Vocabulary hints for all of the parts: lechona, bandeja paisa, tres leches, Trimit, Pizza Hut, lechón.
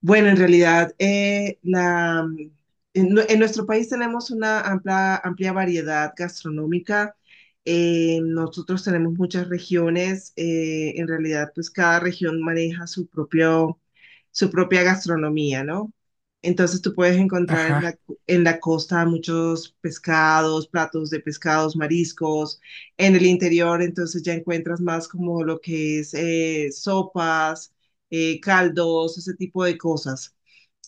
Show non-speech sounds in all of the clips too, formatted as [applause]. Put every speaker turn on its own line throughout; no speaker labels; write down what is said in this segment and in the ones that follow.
Bueno, en realidad, la, mm, en, nue- en nuestro país tenemos una amplia variedad gastronómica. Nosotros tenemos muchas regiones. En realidad, pues cada región maneja su propia gastronomía, ¿no? Entonces tú puedes encontrar
Ajá,
en la costa muchos pescados, platos de pescados, mariscos. En el interior, entonces ya encuentras más como lo que es sopas, caldos, ese tipo de cosas.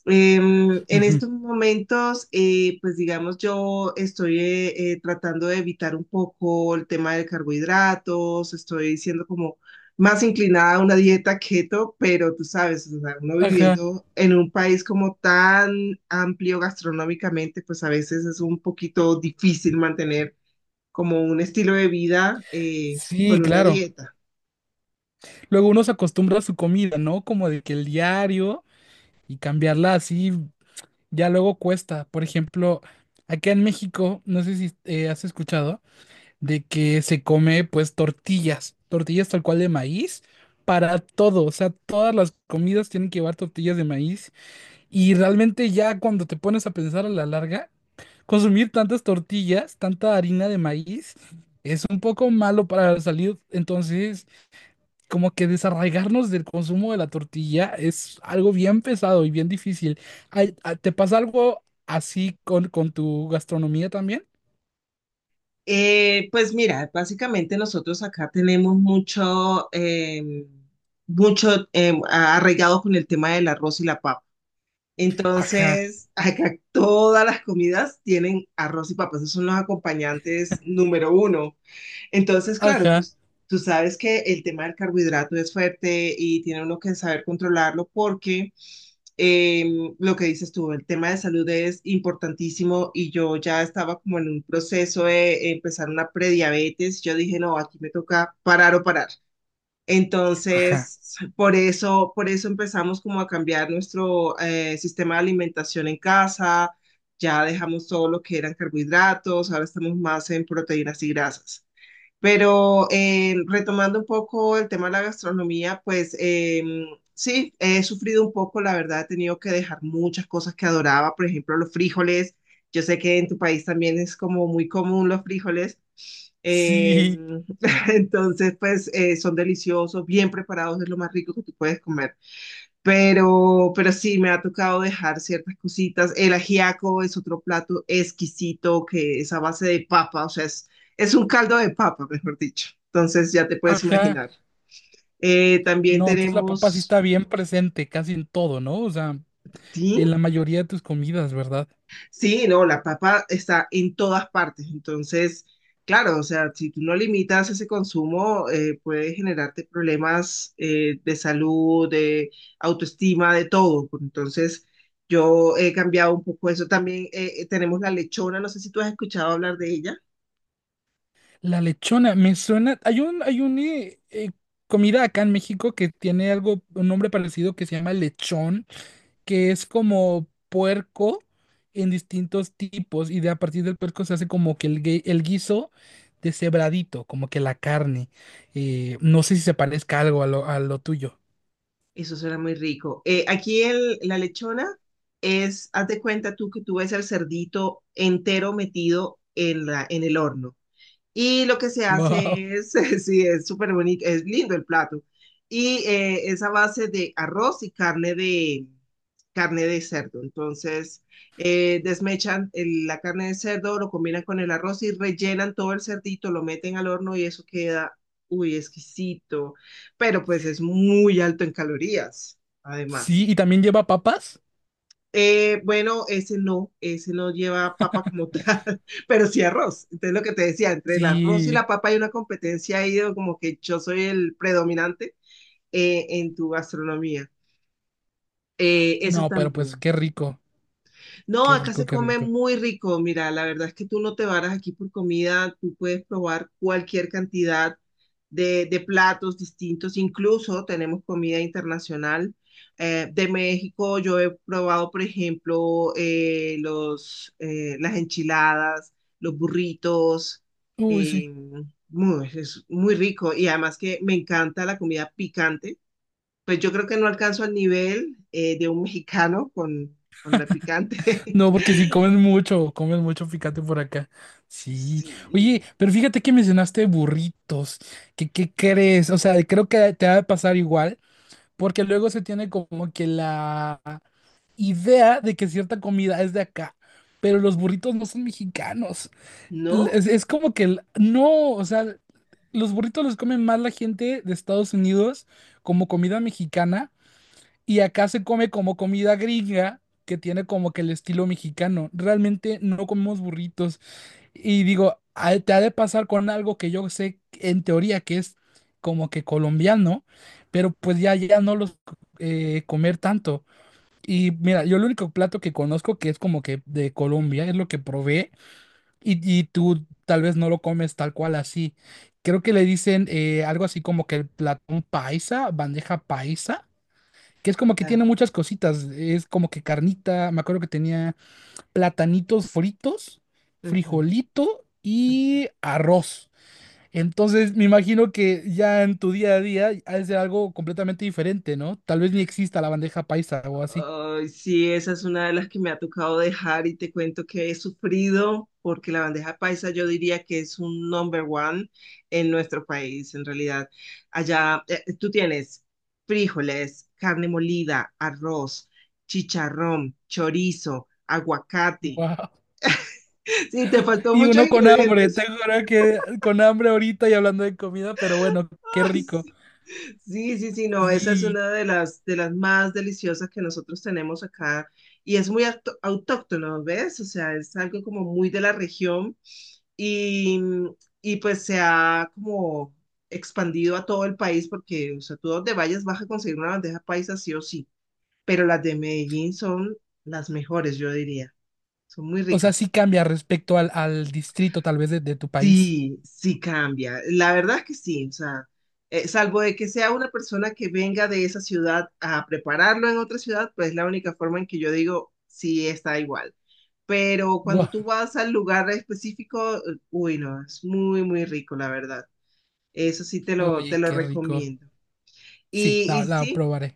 En
ujú,
estos momentos, pues digamos, yo estoy tratando de evitar un poco el tema de carbohidratos, estoy siendo como más inclinada a una dieta keto, pero tú sabes, o sea, uno
ajá,
viviendo en un país como tan amplio gastronómicamente, pues a veces es un poquito difícil mantener como un estilo de vida
sí,
con una
claro.
dieta.
Luego uno se acostumbra a su comida, ¿no? Como de que el diario y cambiarla así ya luego cuesta. Por ejemplo, acá en México, no sé si has escuchado, de que se come pues tortillas, tortillas tal cual de maíz para todo. O sea, todas las comidas tienen que llevar tortillas de maíz y realmente ya cuando te pones a pensar a la larga, consumir tantas tortillas, tanta harina de maíz, es un poco malo para la salud. Entonces, como que desarraigarnos del consumo de la tortilla es algo bien pesado y bien difícil. Ay, ah, ¿te pasa algo así con tu gastronomía también?
Pues mira, básicamente nosotros acá tenemos mucho arraigado con el tema del arroz y la papa.
Ajá,
Entonces, [laughs] acá todas las comidas tienen arroz y papas, esos son los acompañantes número uno. Entonces, claro,
ajá,
tú sabes que el tema del carbohidrato es fuerte y tiene uno que saber controlarlo porque lo que dices tú, el tema de salud es importantísimo y yo ya estaba como en un proceso de empezar una prediabetes. Yo dije, no, aquí me toca parar o parar.
ajá.
Entonces, por eso empezamos como a cambiar nuestro sistema de alimentación en casa. Ya dejamos todo lo que eran carbohidratos, ahora estamos más en proteínas y grasas. Pero retomando un poco el tema de la gastronomía, sí, he sufrido un poco, la verdad, he tenido que dejar muchas cosas que adoraba, por ejemplo, los frijoles. Yo sé que en tu país también es como muy común los frijoles. Eh,
Sí,
[laughs] entonces, son deliciosos, bien preparados, es lo más rico que tú puedes comer. Pero sí, me ha tocado dejar ciertas cositas. El ajiaco es otro plato exquisito que es a base de papa, es un caldo de papa, mejor dicho. Entonces ya te puedes
ajá.
imaginar. También
No, entonces la papa sí
tenemos,
está bien presente casi en todo, ¿no? O sea,
¿sí?
en la mayoría de tus comidas, ¿verdad?
Sí, no, la papa está en todas partes. Entonces, claro, o sea, si tú no limitas ese consumo, puede generarte problemas de salud, de autoestima, de todo. Entonces, yo he cambiado un poco eso. También tenemos la lechona, no sé si tú has escuchado hablar de ella.
La lechona, me suena. Hay un comida acá en México que tiene algo, un nombre parecido que se llama lechón, que es como puerco en distintos tipos, y de a partir del puerco se hace como que el guiso deshebradito, como que la carne. No sé si se parezca algo a lo tuyo. [laughs]
Eso suena muy rico. Aquí la lechona es, haz de cuenta tú que tú ves el cerdito entero metido en el horno. Y lo que se
Wow.
hace es, [laughs] sí, es súper bonito, es lindo el plato. Y es a base de arroz y carne de cerdo. Entonces, desmechan la carne de cerdo, lo combinan con el arroz y rellenan todo el cerdito, lo meten al horno y eso queda, uy, exquisito. Pero pues es muy alto en calorías, además.
Sí, y también lleva papas.
Bueno, ese no lleva papa como tal, [laughs] pero sí arroz. Entonces lo que te decía, entre el arroz y
Sí.
la papa hay una competencia ahí de como que yo soy el predominante en tu gastronomía. Eso
No, pero pues
también.
qué rico,
No,
qué
acá
rico,
se
qué
come
rico.
muy rico. Mira, la verdad es que tú no te varas aquí por comida, tú puedes probar cualquier cantidad de platos distintos, incluso tenemos comida internacional. De México yo he probado, por ejemplo, las enchiladas, los burritos,
Uy, sí.
eh, es muy rico y además que me encanta la comida picante. Pues yo creo que no alcanzo al nivel de un mexicano con la picante.
No, porque si
[laughs]
comen mucho, comen mucho picante por acá. Sí. Oye,
Sí,
pero fíjate que mencionaste burritos. ¿Qué, qué crees? O sea, creo que te va a pasar igual, porque luego se tiene como que la idea de que cierta comida es de acá, pero los burritos no son mexicanos. L-
¿no?
Es, es como que no, o sea, los burritos los comen más la gente de Estados Unidos como comida mexicana y acá se come como comida gringa, que tiene como que el estilo mexicano. Realmente no comemos burritos. Y digo, ah, te ha de pasar con algo que yo sé en teoría que es como que colombiano, pero pues ya, ya no los comer tanto. Y mira, yo el único plato que conozco que es como que de Colombia es lo que probé y tú tal vez no lo comes tal cual así. Creo que le dicen algo así como que el platón paisa, bandeja paisa, que es como que
Ah,
tiene muchas cositas. Es como que carnita, me acuerdo que tenía platanitos fritos,
ujú,
frijolito
ujú.
y arroz. Entonces me imagino que ya en tu día a día ha de ser algo completamente diferente, ¿no? Tal vez ni exista la bandeja paisa o así.
Ay, sí, esa es una de las que me ha tocado dejar y te cuento que he sufrido porque la bandeja paisa yo diría que es un number one en nuestro país, en realidad. Allá tú tienes frijoles, carne molida, arroz, chicharrón, chorizo, aguacate.
Wow.
Sí, te faltó
Y
muchos
uno con hambre, te
ingredientes.
juro que con hambre ahorita y hablando de comida, pero bueno, qué
Ay,
rico.
sí. Sí, no, esa es
Sí.
una de de las más deliciosas que nosotros tenemos acá y es muy autóctono, ¿ves? O sea, es algo como muy de la región y, y pues se ha como expandido a todo el país porque, o sea, tú donde vayas vas a conseguir una bandeja paisa sí o sí, pero las de Medellín son las mejores, yo diría, son muy
O sea, sí
ricas.
cambia respecto al, al distrito tal vez de tu país.
Sí, sí cambia. La verdad es que sí, o sea, salvo de que sea una persona que venga de esa ciudad a prepararlo en otra ciudad, pues es la única forma en que yo digo, sí está igual. Pero cuando
Guau,
tú vas al lugar específico, uy, no, es muy rico, la verdad. Eso sí te
oye,
lo
qué rico.
recomiendo.
Sí, la,
Y
la
sí,
probaré.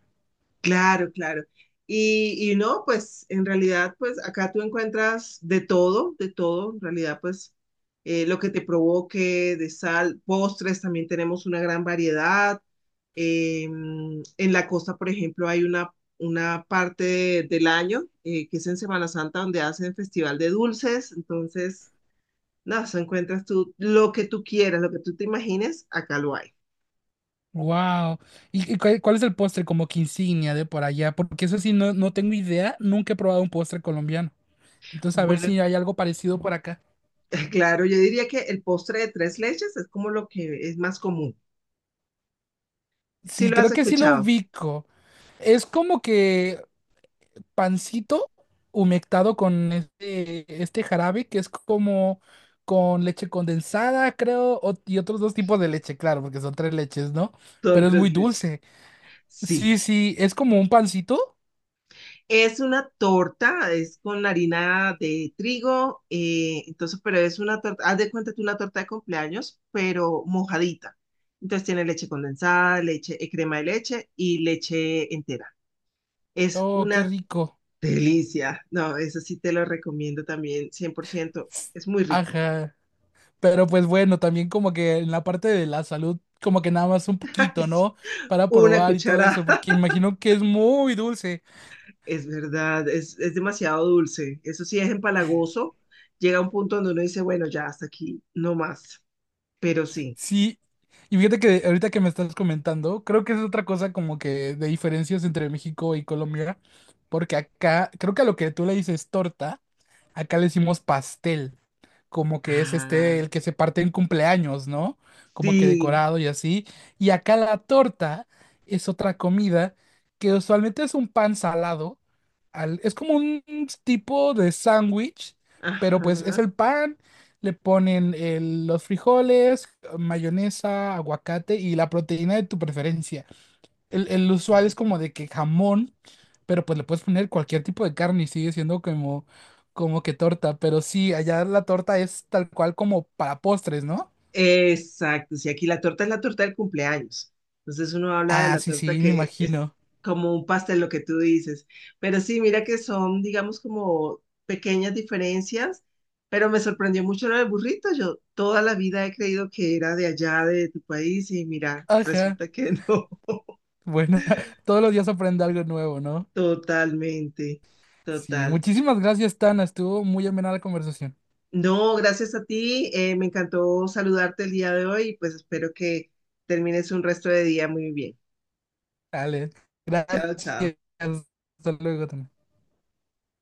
claro, claro. Y no, pues en realidad, pues acá tú encuentras de todo, en realidad, pues lo que te provoque, de sal, postres, también tenemos una gran variedad. Eh, en la costa, por ejemplo, una parte del año, que es en Semana Santa, donde hacen festival de dulces, entonces, nada, eso encuentras tú lo que tú quieras, lo que tú te imagines, acá lo hay.
Wow. Y cuál, cuál es el postre como que insignia de por allá? Porque eso sí, no, no tengo idea, nunca he probado un postre colombiano. Entonces, a ver si
Bueno,
hay algo parecido por acá.
[laughs] claro, yo diría que el postre de tres leches es como lo que es más común. Sí
Sí,
lo has
creo que sí lo
escuchado,
ubico. Es como que pancito humectado con este, este jarabe que es como con leche condensada, creo, o- y otros dos tipos de leche, claro, porque son tres leches, ¿no?
son
Pero es muy
tres leches.
dulce.
Sí,
Sí, sí, es como un pancito.
es una torta, es con harina de trigo, entonces, pero es una torta, haz de cuenta tú una torta de cumpleaños, pero mojadita. Entonces tiene leche condensada, leche, crema de leche y leche entera. Es
Oh, qué
una
rico.
delicia. No, eso sí te lo recomiendo también, 100%. Es muy rico.
Ajá. Pero pues bueno, también como que en la parte de la salud, como que nada más un
[laughs] Ay,
poquito,
sí.
¿no? Para
Una
probar y todo eso,
cucharada.
porque imagino que es muy dulce.
Es verdad, es demasiado dulce. Eso sí es empalagoso. Llega un punto donde uno dice, bueno, ya hasta aquí, no más. Pero sí.
Sí. Y fíjate que ahorita que me estás comentando, creo que es otra cosa como que de diferencias entre México y Colombia, porque acá, creo que a lo que tú le dices torta, acá le decimos pastel, como que es este
Ah,
el que se parte en cumpleaños, ¿no? Como que
sí.
decorado y así. Y acá la torta es otra comida que usualmente es un pan salado, al- es como un tipo de sándwich, pero pues es
Ajá.
el pan, le ponen los frijoles, mayonesa, aguacate y la proteína de tu preferencia, el usual es como de que jamón, pero pues le puedes poner cualquier tipo de carne y sigue siendo como, como que torta. Pero sí, allá la torta es tal cual como para postres, ¿no?
Exacto. Sí, aquí la torta es la torta del cumpleaños. Entonces uno habla de
Ah,
la
sí,
torta
sí, me
que es
imagino.
como un pastel, lo que tú dices. Pero sí, mira que son, digamos, como pequeñas diferencias. Pero me sorprendió mucho lo del burrito. Yo toda la vida he creído que era de allá, de tu país, y mira,
Ajá.
resulta que [laughs] no.
Bueno, [laughs] todos los días aprende algo nuevo, ¿no?
Totalmente,
Sí,
total.
muchísimas gracias, Tana. Estuvo muy amena la conversación.
No, gracias a ti. Me encantó saludarte el día de hoy y pues espero que termines un resto de día muy bien.
Dale,
Chao, chao.
gracias. Hasta luego, Tana.